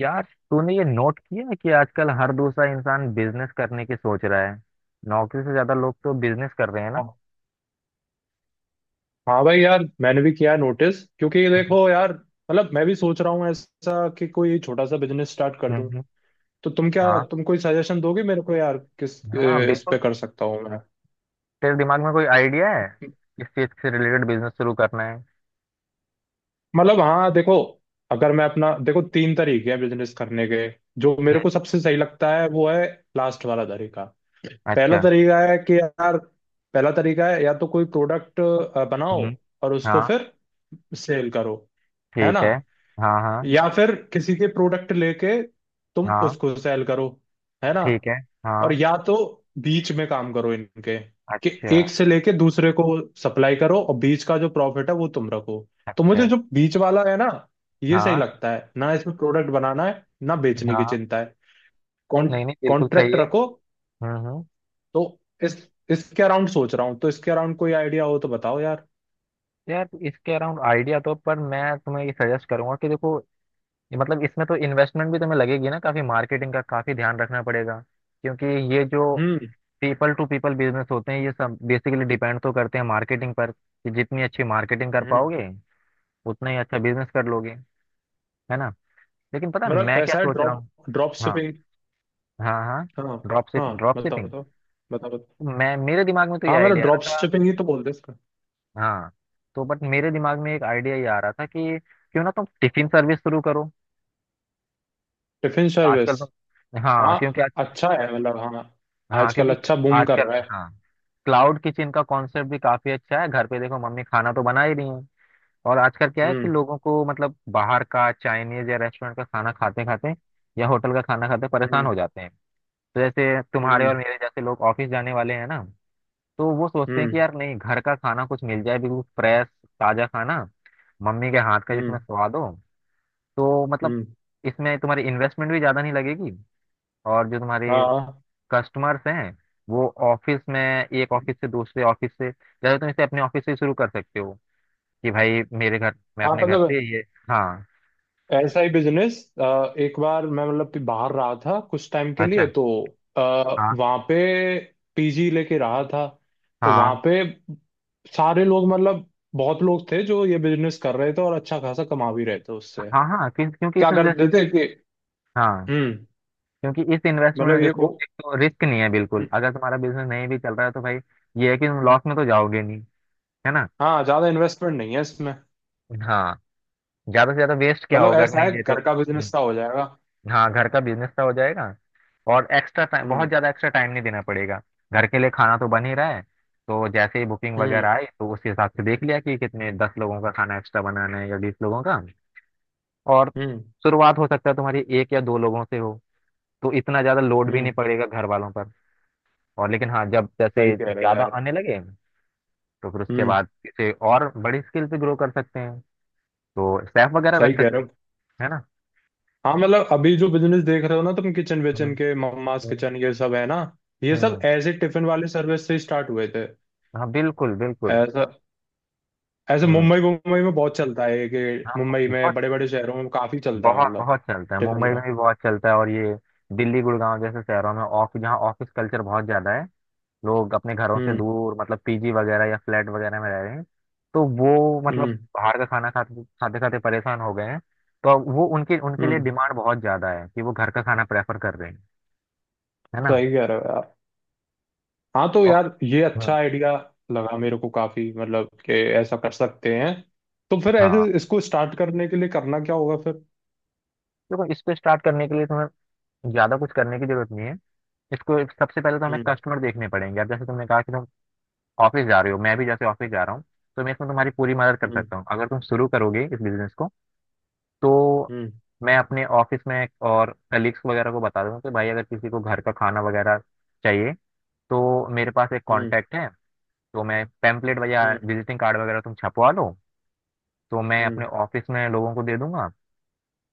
यार, तूने ये नोट किया है कि आजकल हर दूसरा इंसान बिजनेस करने की सोच रहा है। नौकरी से ज्यादा लोग तो बिजनेस कर रहे हैं ना। हाँ, हाँ भाई, यार मैंने भी किया है नोटिस क्योंकि ये हम्म। देखो यार। मतलब मैं भी सोच रहा हूँ ऐसा कि कोई छोटा सा बिजनेस स्टार्ट कर दूं। हम्म। तो तुम, क्या हाँ, तुम कोई सजेशन दोगे मेरे को यार, हाँ इस पे बिल्कुल। कर सकता हूँ मैं। तेरे दिमाग में कोई आइडिया है? किस चीज से रिलेटेड बिजनेस शुरू करना है? मतलब हाँ देखो, अगर मैं अपना देखो, तीन तरीके हैं बिजनेस करने के। जो मेरे हम्म। को सबसे सही लगता है वो है लास्ट वाला तरीका। पहला अच्छा। तरीका है कि यार, पहला तरीका है या तो कोई प्रोडक्ट बनाओ हम्म। और उसको हाँ, फिर सेल करो, है ठीक ना। है। हाँ, हाँ। या फिर किसी के प्रोडक्ट लेके तुम हाँ, उसको सेल करो, है ना। ठीक है। और हाँ। या तो बीच में काम करो इनके, कि अच्छा। एक से लेके दूसरे को सप्लाई करो और बीच का जो प्रॉफिट है वो तुम रखो। तो अच्छा। मुझे जो बीच वाला है ना, ये सही हाँ, लगता है ना। इसमें प्रोडक्ट बनाना है ना बेचने की हाँ। चिंता है। कॉन् नहीं नहीं, बिल्कुल सही कॉन्ट्रैक्ट है। रखो। हम्म। हम्म। तो इस इसके अराउंड सोच रहा हूँ, तो इसके अराउंड कोई आइडिया हो तो बताओ यार। यार, इसके अराउंड आइडिया तो पर मैं तुम्हें ये सजेस्ट करूंगा कि देखो, ये मतलब इसमें तो इन्वेस्टमेंट भी तुम्हें लगेगी ना, काफी मार्केटिंग का काफी ध्यान रखना पड़ेगा। क्योंकि ये जो हम्म। पीपल टू पीपल बिजनेस होते हैं, ये सब बेसिकली डिपेंड तो करते हैं मार्केटिंग पर कि जितनी अच्छी मार्केटिंग कर हम्म। पाओगे उतना ही अच्छा बिजनेस कर लोगे। है ना। लेकिन पता है मतलब मैं क्या ऐसा है सोच रहा ड्रॉप हूँ? ड्रॉप हाँ। शिपिंग। हाँ, हाँ। हाँ, ड्रॉप हाँ, शिपिंग बताओ, बताओ, बताओ, बताओ। मैं मेरे दिमाग में तो ये हाँ मतलब आइडिया आ ड्रॉप रहा था। शिपिंग ही तो बोलते हैं इसका। हाँ, तो बट मेरे दिमाग में एक आइडिया ये आ रहा था कि क्यों ना तुम टिफिन सर्विस शुरू करो। Tiffin service? आजकल तो हाँ, हाँ क्योंकि अच्छा है, मतलब हाँ। हाँ, आजकल क्योंकि अच्छा बूम कर आजकल रहा है। हाँ क्लाउड किचन का कॉन्सेप्ट भी काफी अच्छा है। घर पे देखो, मम्मी खाना तो बना ही रही है। और आजकल क्या है कि हम्म। लोगों को मतलब बाहर का चाइनीज या रेस्टोरेंट का खाना खाते खाते या होटल का खाना खाते परेशान हम्म। हो जाते हैं। तो जैसे तुम्हारे हम्म। और मेरे जैसे लोग ऑफिस जाने वाले हैं ना, तो वो सोचते हैं हम्म। कि यार नहीं, घर का खाना कुछ मिल जाए, बिल्कुल फ्रेश ताजा खाना, मम्मी के हाथ का जिसमें हम्म। स्वाद हो। तो मतलब हम्म। इसमें तुम्हारी इन्वेस्टमेंट भी ज्यादा नहीं लगेगी। और जो तुम्हारी हाँ, कस्टमर्स हैं, वो ऑफिस में, एक ऑफिस से दूसरे ऑफिस से, जैसे तुम इसे अपने ऑफिस से शुरू कर सकते हो कि भाई मेरे घर, मैं हाँ, अपने घर से मतलब ये। हाँ। ऐसा ही बिजनेस। एक बार मैं मतलब बाहर रहा था कुछ टाइम के लिए अच्छा। तो हाँ, वहां पे पीजी लेके रहा था। तो वहां हाँ। पे सारे लोग, मतलब बहुत लोग थे जो ये बिजनेस कर रहे थे और अच्छा खासा कमा भी रहे थे उससे। हाँ, हाँ क्योंकि इस क्या करते इन्वेस्ट थे कि। हाँ, हम्म। क्योंकि इस इन्वेस्टमेंट मतलब में ये वो। देखो, एक तो रिस्क नहीं है बिल्कुल, हम्म। अगर तुम्हारा बिजनेस नहीं भी चल रहा है तो भाई ये है कि तुम लॉस में तो जाओगे नहीं। है ना। हाँ ज्यादा इन्वेस्टमेंट नहीं है इसमें। हाँ, ज्यादा से ज्यादा वेस्ट क्या मतलब होगा अगर ऐसा नहीं है, दे तो। घर का बिजनेस सा हो जाएगा। हाँ, घर का बिजनेस का हो जाएगा। और एक्स्ट्रा टाइम बहुत हम्म। ज्यादा एक्स्ट्रा टाइम नहीं देना पड़ेगा। घर के लिए खाना तो बन ही रहा है, तो जैसे ही बुकिंग हम्म। वगैरह आई तो उसके हिसाब से देख लिया कि कितने दस लोगों का खाना एक्स्ट्रा बनाना है या बीस लोगों का। और हम्म। शुरुआत हो सकता है तुम्हारी एक या दो लोगों से हो, तो इतना ज्यादा लोड भी हम्म। नहीं पड़ेगा घर वालों पर। और लेकिन हाँ, जब सही जैसे कह रहे हो ज्यादा यार। आने लगे, तो फिर उसके हम्म। बाद इसे और बड़ी स्केल पे ग्रो कर सकते हैं। तो स्टाफ वगैरह सही रख कह रहे सकते हो। हैं। है ना। हाँ मतलब अभी जो बिजनेस देख रहे हो ना तुम, किचन हम्म। विचन के, मम्मास हम्म किचन, ये सब है ना, ये सब हम्म। ऐसे टिफिन वाले सर्विस से स्टार्ट हुए थे। हाँ बिल्कुल बिल्कुल। ऐसा, ऐसे हम्म। मुंबई मुंबई में बहुत चलता है, कि हाँ, मुंबई में, बहुत। बड़े बड़े शहरों में काफी चलता है, मतलब। बहुत चलता है, टिफिन मुंबई में वाला। भी बहुत चलता है। और ये दिल्ली, गुड़गांव जैसे शहरों में, ऑफिस जहाँ ऑफिस कल्चर बहुत ज्यादा है, लोग अपने घरों से हम्म। दूर मतलब पीजी वगैरह या फ्लैट वगैरह में रह रहे हैं, तो वो मतलब हम्म। बाहर का खाना खाते खाते खाते परेशान हो गए हैं। तो अब वो उनके उनके लिए हम्म। डिमांड बहुत ज्यादा है कि वो घर का खाना प्रेफर कर रहे हैं। है ना। सही कह रहे हो यार। हाँ तो और यार ये हम्म। अच्छा आइडिया लगा मेरे को, काफी, मतलब कि ऐसा कर सकते हैं। तो फिर ऐसे हाँ इसको स्टार्ट करने के लिए करना क्या होगा फिर? देखो, इसको स्टार्ट करने के लिए तुम्हें ज्यादा कुछ करने की जरूरत नहीं है। इसको सबसे पहले तो हमें हम्म। कस्टमर देखने पड़ेंगे। अब जैसे तुमने कहा कि तुम ऑफिस जा रहे हो, मैं भी जैसे ऑफिस जा रहा हूँ, तो मैं इसमें तुम्हारी पूरी मदद कर हम्म। सकता हूँ अगर तुम शुरू करोगे इस बिजनेस को। तो हम्म। मैं अपने ऑफिस में और कलीग्स वगैरह को बता दूंगा कि भाई अगर किसी को घर का खाना वगैरह चाहिए तो मेरे पास एक हम्म। कांटेक्ट है। तो मैं पैम्पलेट हम्म। वगैरह विजिटिंग कार्ड वगैरह तुम छपवा लो, तो मैं अपने हम्म। ऑफिस में लोगों को दे दूंगा।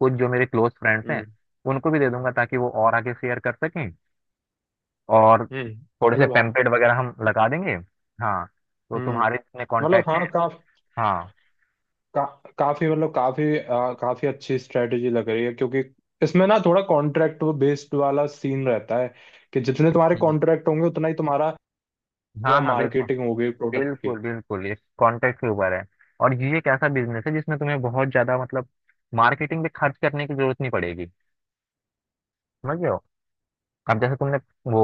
कुछ जो मेरे क्लोज फ्रेंड्स हैं हम्म। उनको भी दे दूंगा ताकि वो और आगे शेयर कर सकें। और हम्म। थोड़े से मतलब हाँ। पैम्पलेट वगैरह हम लगा देंगे। हाँ, तो हम्म। तुम्हारे इतने मतलब कांटेक्ट हाँ, हैं। हाँ। का, काफी, मतलब काफी अच्छी स्ट्रेटेजी लग रही है क्योंकि इसमें ना थोड़ा कॉन्ट्रैक्ट बेस्ड वाला सीन रहता है, कि जितने तुम्हारे कॉन्ट्रैक्ट होंगे उतना ही तुम्हारा होगा, हाँ। हाँ बिल्कुल, मार्केटिंग होगी प्रोडक्ट की। बिल्कुल इस कॉन्टेक्ट के ऊपर है। और ये एक ऐसा बिजनेस है जिसमें तुम्हें बहुत ज्यादा मतलब मार्केटिंग पे खर्च करने की जरूरत नहीं पड़ेगी। समझ रहे हो। अब जैसे तुमने वो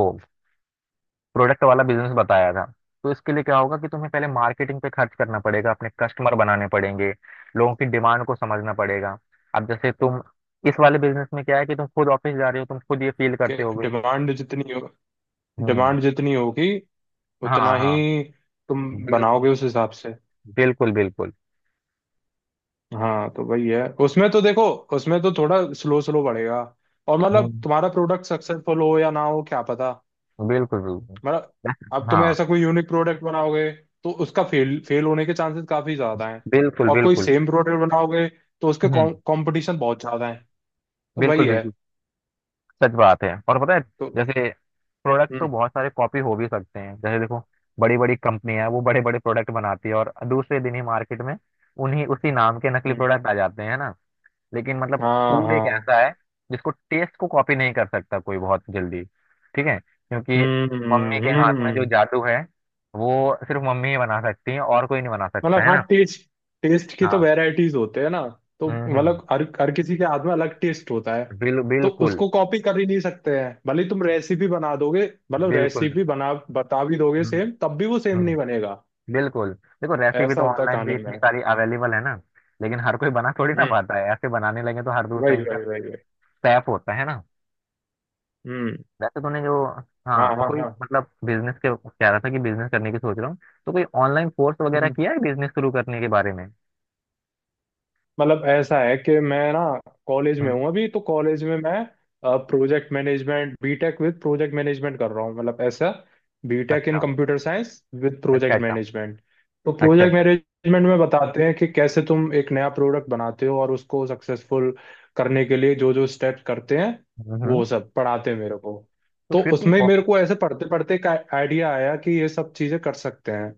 प्रोडक्ट वाला बिजनेस बताया था, तो इसके लिए क्या होगा कि तुम्हें पहले मार्केटिंग पे खर्च करना पड़ेगा, अपने कस्टमर बनाने पड़ेंगे, लोगों की डिमांड को समझना पड़ेगा। अब जैसे तुम इस वाले बिजनेस में क्या है कि तुम खुद ऑफिस जा रहे हो, तुम खुद ये फील कि करते होगे। हम्म। डिमांड जितनी होगी हाँ, उतना ही हाँ तुम बिल्कुल बनाओगे उस हिसाब से। बिल्कुल बिल्कुल। हाँ तो वही है उसमें तो देखो, उसमें तो थोड़ा स्लो स्लो बढ़ेगा और मतलब हम्म। तुम्हारा प्रोडक्ट सक्सेसफुल हो या ना हो क्या पता, बिल्कुल बिल्कुल मतलब। अब तुम हाँ ऐसा कोई यूनिक प्रोडक्ट बनाओगे तो उसका फेल फेल होने के चांसेस काफी ज्यादा हैं। बिल्कुल और कोई बिल्कुल। सेम प्रोडक्ट बनाओगे तो उसके हम्म। कंपटीशन बहुत ज्यादा है। तो बिल्कुल वही है बिल्कुल सच बात है। और पता है तो। जैसे प्रोडक्ट तो हम्म। बहुत सारे कॉपी हो भी सकते हैं, जैसे देखो, बड़ी बड़ी कंपनियां हैं, वो बड़े बड़े प्रोडक्ट बनाती है और दूसरे दिन ही मार्केट में उन्हीं उसी नाम के नकली हम्म। प्रोडक्ट आ जाते हैं। है ना। लेकिन मतलब हाँ, फूड एक हाँ। ऐसा है जिसको टेस्ट को कॉपी नहीं कर सकता कोई बहुत जल्दी। ठीक है, क्योंकि हम्म। मम्मी के हम्म। हाथ में जो हम्म। जादू है वो सिर्फ मम्मी ही बना सकती है और कोई नहीं बना सकता। मतलब है हाँ, ना। टेस्ट टेस्ट की तो हाँ। वैरायटीज होते हैं ना। तो हम्म। मतलब हर हर किसी के हाथ में अलग टेस्ट होता है। तो बिल्कुल उसको कॉपी कर ही नहीं सकते हैं, भले ही तुम रेसिपी बना दोगे, मतलब बिल्कुल रेसिपी बना बता भी दोगे हम्म। सेम, तब भी वो सेम नहीं हम्म बनेगा। बिल्कुल देखो, रेसिपी ऐसा तो होता है ऑनलाइन कहानी भी में। इतनी सारी अवेलेबल है ना, लेकिन हर कोई बना थोड़ी ना हम्म। पाता है। ऐसे बनाने लगे तो हर दूसरा वही, इंसान वही, वही, वही। सैफ होता है ना। हम्म। वैसे तूने जो हाँ, हाँ हाँ, कोई हाँ। मतलब बिजनेस के कह रहा था कि बिजनेस करने की सोच रहा हूँ, तो कोई ऑनलाइन कोर्स वगैरह हम्म। किया है बिजनेस शुरू करने के बारे में? मतलब ऐसा है कि मैं ना कॉलेज में हम्म। हूँ अभी, तो कॉलेज में मैं project management BTech with project management कर रहा हूँ, मतलब ऐसा, बीटेक इन अच्छा कंप्यूटर साइंस विद अच्छा प्रोजेक्ट अच्छा मैनेजमेंट। तो अच्छा प्रोजेक्ट अच्छा। मैनेजमेंट में बताते हैं कि कैसे तुम एक नया प्रोडक्ट बनाते हो और उसको सक्सेसफुल करने के लिए जो जो स्टेप्स करते हैं, हम्म। हम्म। वो सब पढ़ाते हैं मेरे को। तो तो उसमें मेरे को ऐसे पढ़ते पढ़ते एक आइडिया आया कि ये सब चीजें कर सकते हैं।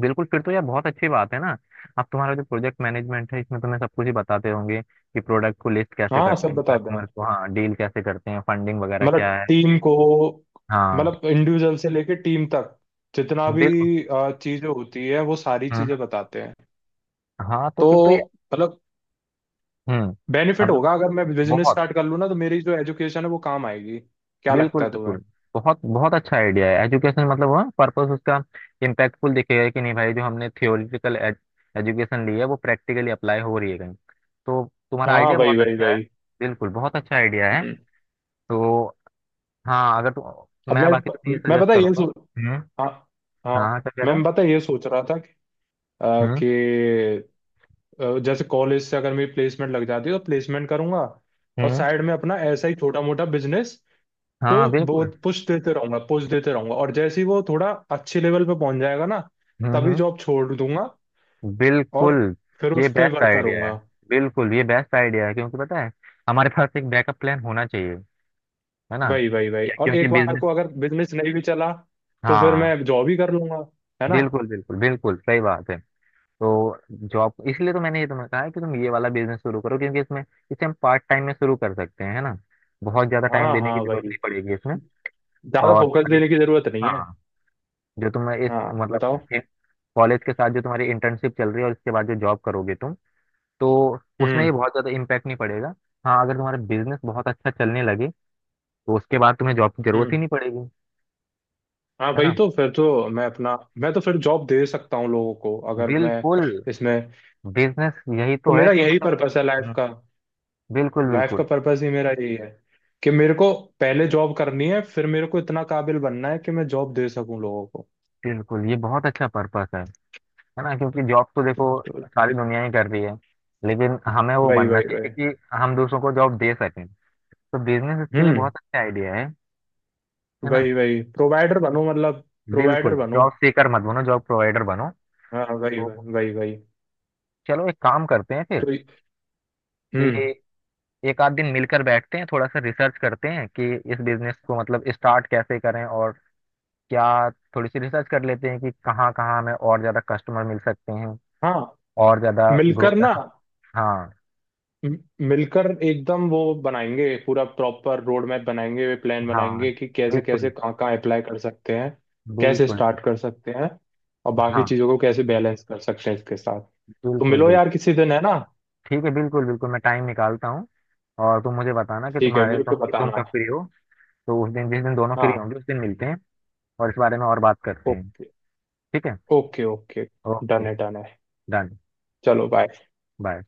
बिल्कुल, फिर तो यार बहुत अच्छी बात है ना। अब तुम्हारा जो प्रोजेक्ट मैनेजमेंट है, इसमें तुम्हें सब कुछ ही बताते होंगे कि प्रोडक्ट को लिस्ट कैसे हाँ करते सब हैं, बताते कस्टमर हैं, को हाँ डील कैसे करते हैं, फंडिंग वगैरह मतलब क्या है। टीम को, हाँ मतलब इंडिविजुअल से लेके टीम तक जितना भी बिल्कुल। चीजें होती है, वो सारी चीजें हम्म। बताते हैं। हाँ, तो फिर तो ये तो मतलब हम्म। बेनिफिट अब देखो, होगा अगर मैं बिजनेस बहुत स्टार्ट कर लूँ ना, तो मेरी जो एजुकेशन है वो काम आएगी। क्या बिल्कुल लगता है तुम्हें? बिल्कुल बहुत बहुत अच्छा आइडिया है। एजुकेशन मतलब वह पर्पस उसका इम्पैक्टफुल दिखेगा कि नहीं, भाई जो हमने थियोरिटिकल एजुकेशन ली है वो प्रैक्टिकली अप्लाई हो रही है कहीं। तो तुम्हारा हाँ, आइडिया भाई, बहुत भाई, अच्छा है। भाई। बिल्कुल बहुत अच्छा आइडिया है। हम्म। तो हाँ, अगर तुम अब मैं मैं, बाकी तुम्हें ये सजेस्ट पता है ये करूंगा। सोच। हम्म। हाँ, हाँ। हाँ, क्या कह रहे हो? मैं पता है ये सोच रहा था कि, अ, हम्म। कि जैसे कॉलेज से अगर मेरी प्लेसमेंट लग जाती है तो प्लेसमेंट करूंगा। और हम्म। साइड में अपना ऐसा ही छोटा मोटा बिजनेस को हाँ बिल्कुल। बहुत पुश देते रहूंगा, पुश देते रहूंगा, और जैसे ही वो थोड़ा अच्छे लेवल पे पहुंच जाएगा ना, तभी हम्म। जॉब छोड़ दूंगा बिल्कुल और फिर ये उस पे बेस्ट वर्क आइडिया है। करूंगा। बिल्कुल ये बेस्ट आइडिया है, क्योंकि पता है हमारे पास एक बैकअप प्लान होना चाहिए। है ना। वही, वही, वही, क्या, और क्योंकि एक बार बिजनेस को अगर बिजनेस नहीं भी चला तो फिर हाँ मैं जॉब ही कर लूंगा, है ना। बिल्कुल बिल्कुल बिल्कुल सही बात है। तो जॉब, इसलिए तो मैंने ये तुम्हें कहा है कि तुम ये वाला बिजनेस शुरू करो, क्योंकि इसमें इसे हम पार्ट टाइम में शुरू कर सकते हैं। है ना। बहुत ज्यादा टाइम हाँ, देने की हाँ जरूरत वही, नहीं पड़ेगी इसमें। ज्यादा और फोकस देने की जरूरत नहीं है। हाँ, जो तुम इस हाँ मतलब बताओ। कॉलेज के साथ जो तुम्हारी इंटर्नशिप चल रही है और इसके बाद जो जॉब करोगे तुम, तो उसमें हम्म। ये बहुत ज़्यादा इम्पैक्ट नहीं पड़ेगा। हाँ, अगर तुम्हारा बिजनेस बहुत अच्छा चलने लगे तो उसके बाद तुम्हें जॉब की जरूरत ही हम्म। नहीं पड़ेगी। हाँ है वही, ना। तो फिर तो मैं अपना, मैं तो फिर जॉब दे सकता हूँ लोगों को अगर मैं बिल्कुल। इसमें। बिजनेस यही तो तो है मेरा कि यही मतलब पर्पस है लाइफ हम्म। का, बिल्कुल लाइफ का बिल्कुल पर्पस ही मेरा यही है, कि मेरे को पहले जॉब करनी है फिर मेरे को इतना काबिल बनना है कि मैं जॉब दे सकूं लोगों को। बिल्कुल, ये बहुत अच्छा पर्पस है। है ना। क्योंकि जॉब तो देखो तो सारी दुनिया ही कर रही है, लेकिन हमें वो वही, बनना वही, चाहिए वही। कि हम दूसरों को जॉब दे सकें। तो बिजनेस इसके लिए हम्म। बहुत अच्छा आइडिया है। है ना। वही, वही, प्रोवाइडर बनो, मतलब प्रोवाइडर बिल्कुल, बनो। जॉब सीकर मत बनो, जॉब प्रोवाइडर बनो। हाँ, वही, तो वही, वही, वही। चलो, एक काम करते हैं फिर, तो। हम्म। कि एक आध दिन मिलकर बैठते हैं, थोड़ा सा रिसर्च करते हैं कि इस बिजनेस को मतलब स्टार्ट कैसे करें, और क्या थोड़ी सी रिसर्च कर लेते हैं कि कहाँ कहाँ हमें और ज्यादा कस्टमर मिल सकते हैं हाँ और ज्यादा ग्रो मिलकर कर ना, सकते हाँ। म- मिलकर एकदम वो बनाएंगे, पूरा प्रॉपर रोड मैप बनाएंगे, वे प्लान हाँ बनाएंगे कि कैसे कैसे बिल्कुल कहाँ कहाँ अप्लाई कर सकते हैं, बिल्कुल कैसे बिल्कुल, स्टार्ट कर सकते हैं, और बाकी हाँ चीज़ों को कैसे बैलेंस कर सकते हैं इसके साथ। तो बिल्कुल मिलो बिल्कुल। यार किसी दिन, है ना। ठीक है बिल्कुल बिल्कुल मैं टाइम निकालता हूँ। और तुम मुझे बताना कि ठीक है, तुम्हारे मेरे तुम को कि तुम कब बताना। फ्री हो। तो उस दिन, जिस दिन दोनों फ्री हाँ। होंगे, उस दिन मिलते हैं और इस बारे में और बात करते हैं। ओके। ठीक है। Okay, okay. ओके। डन है, डन है। डन। चलो, बाय। बाय।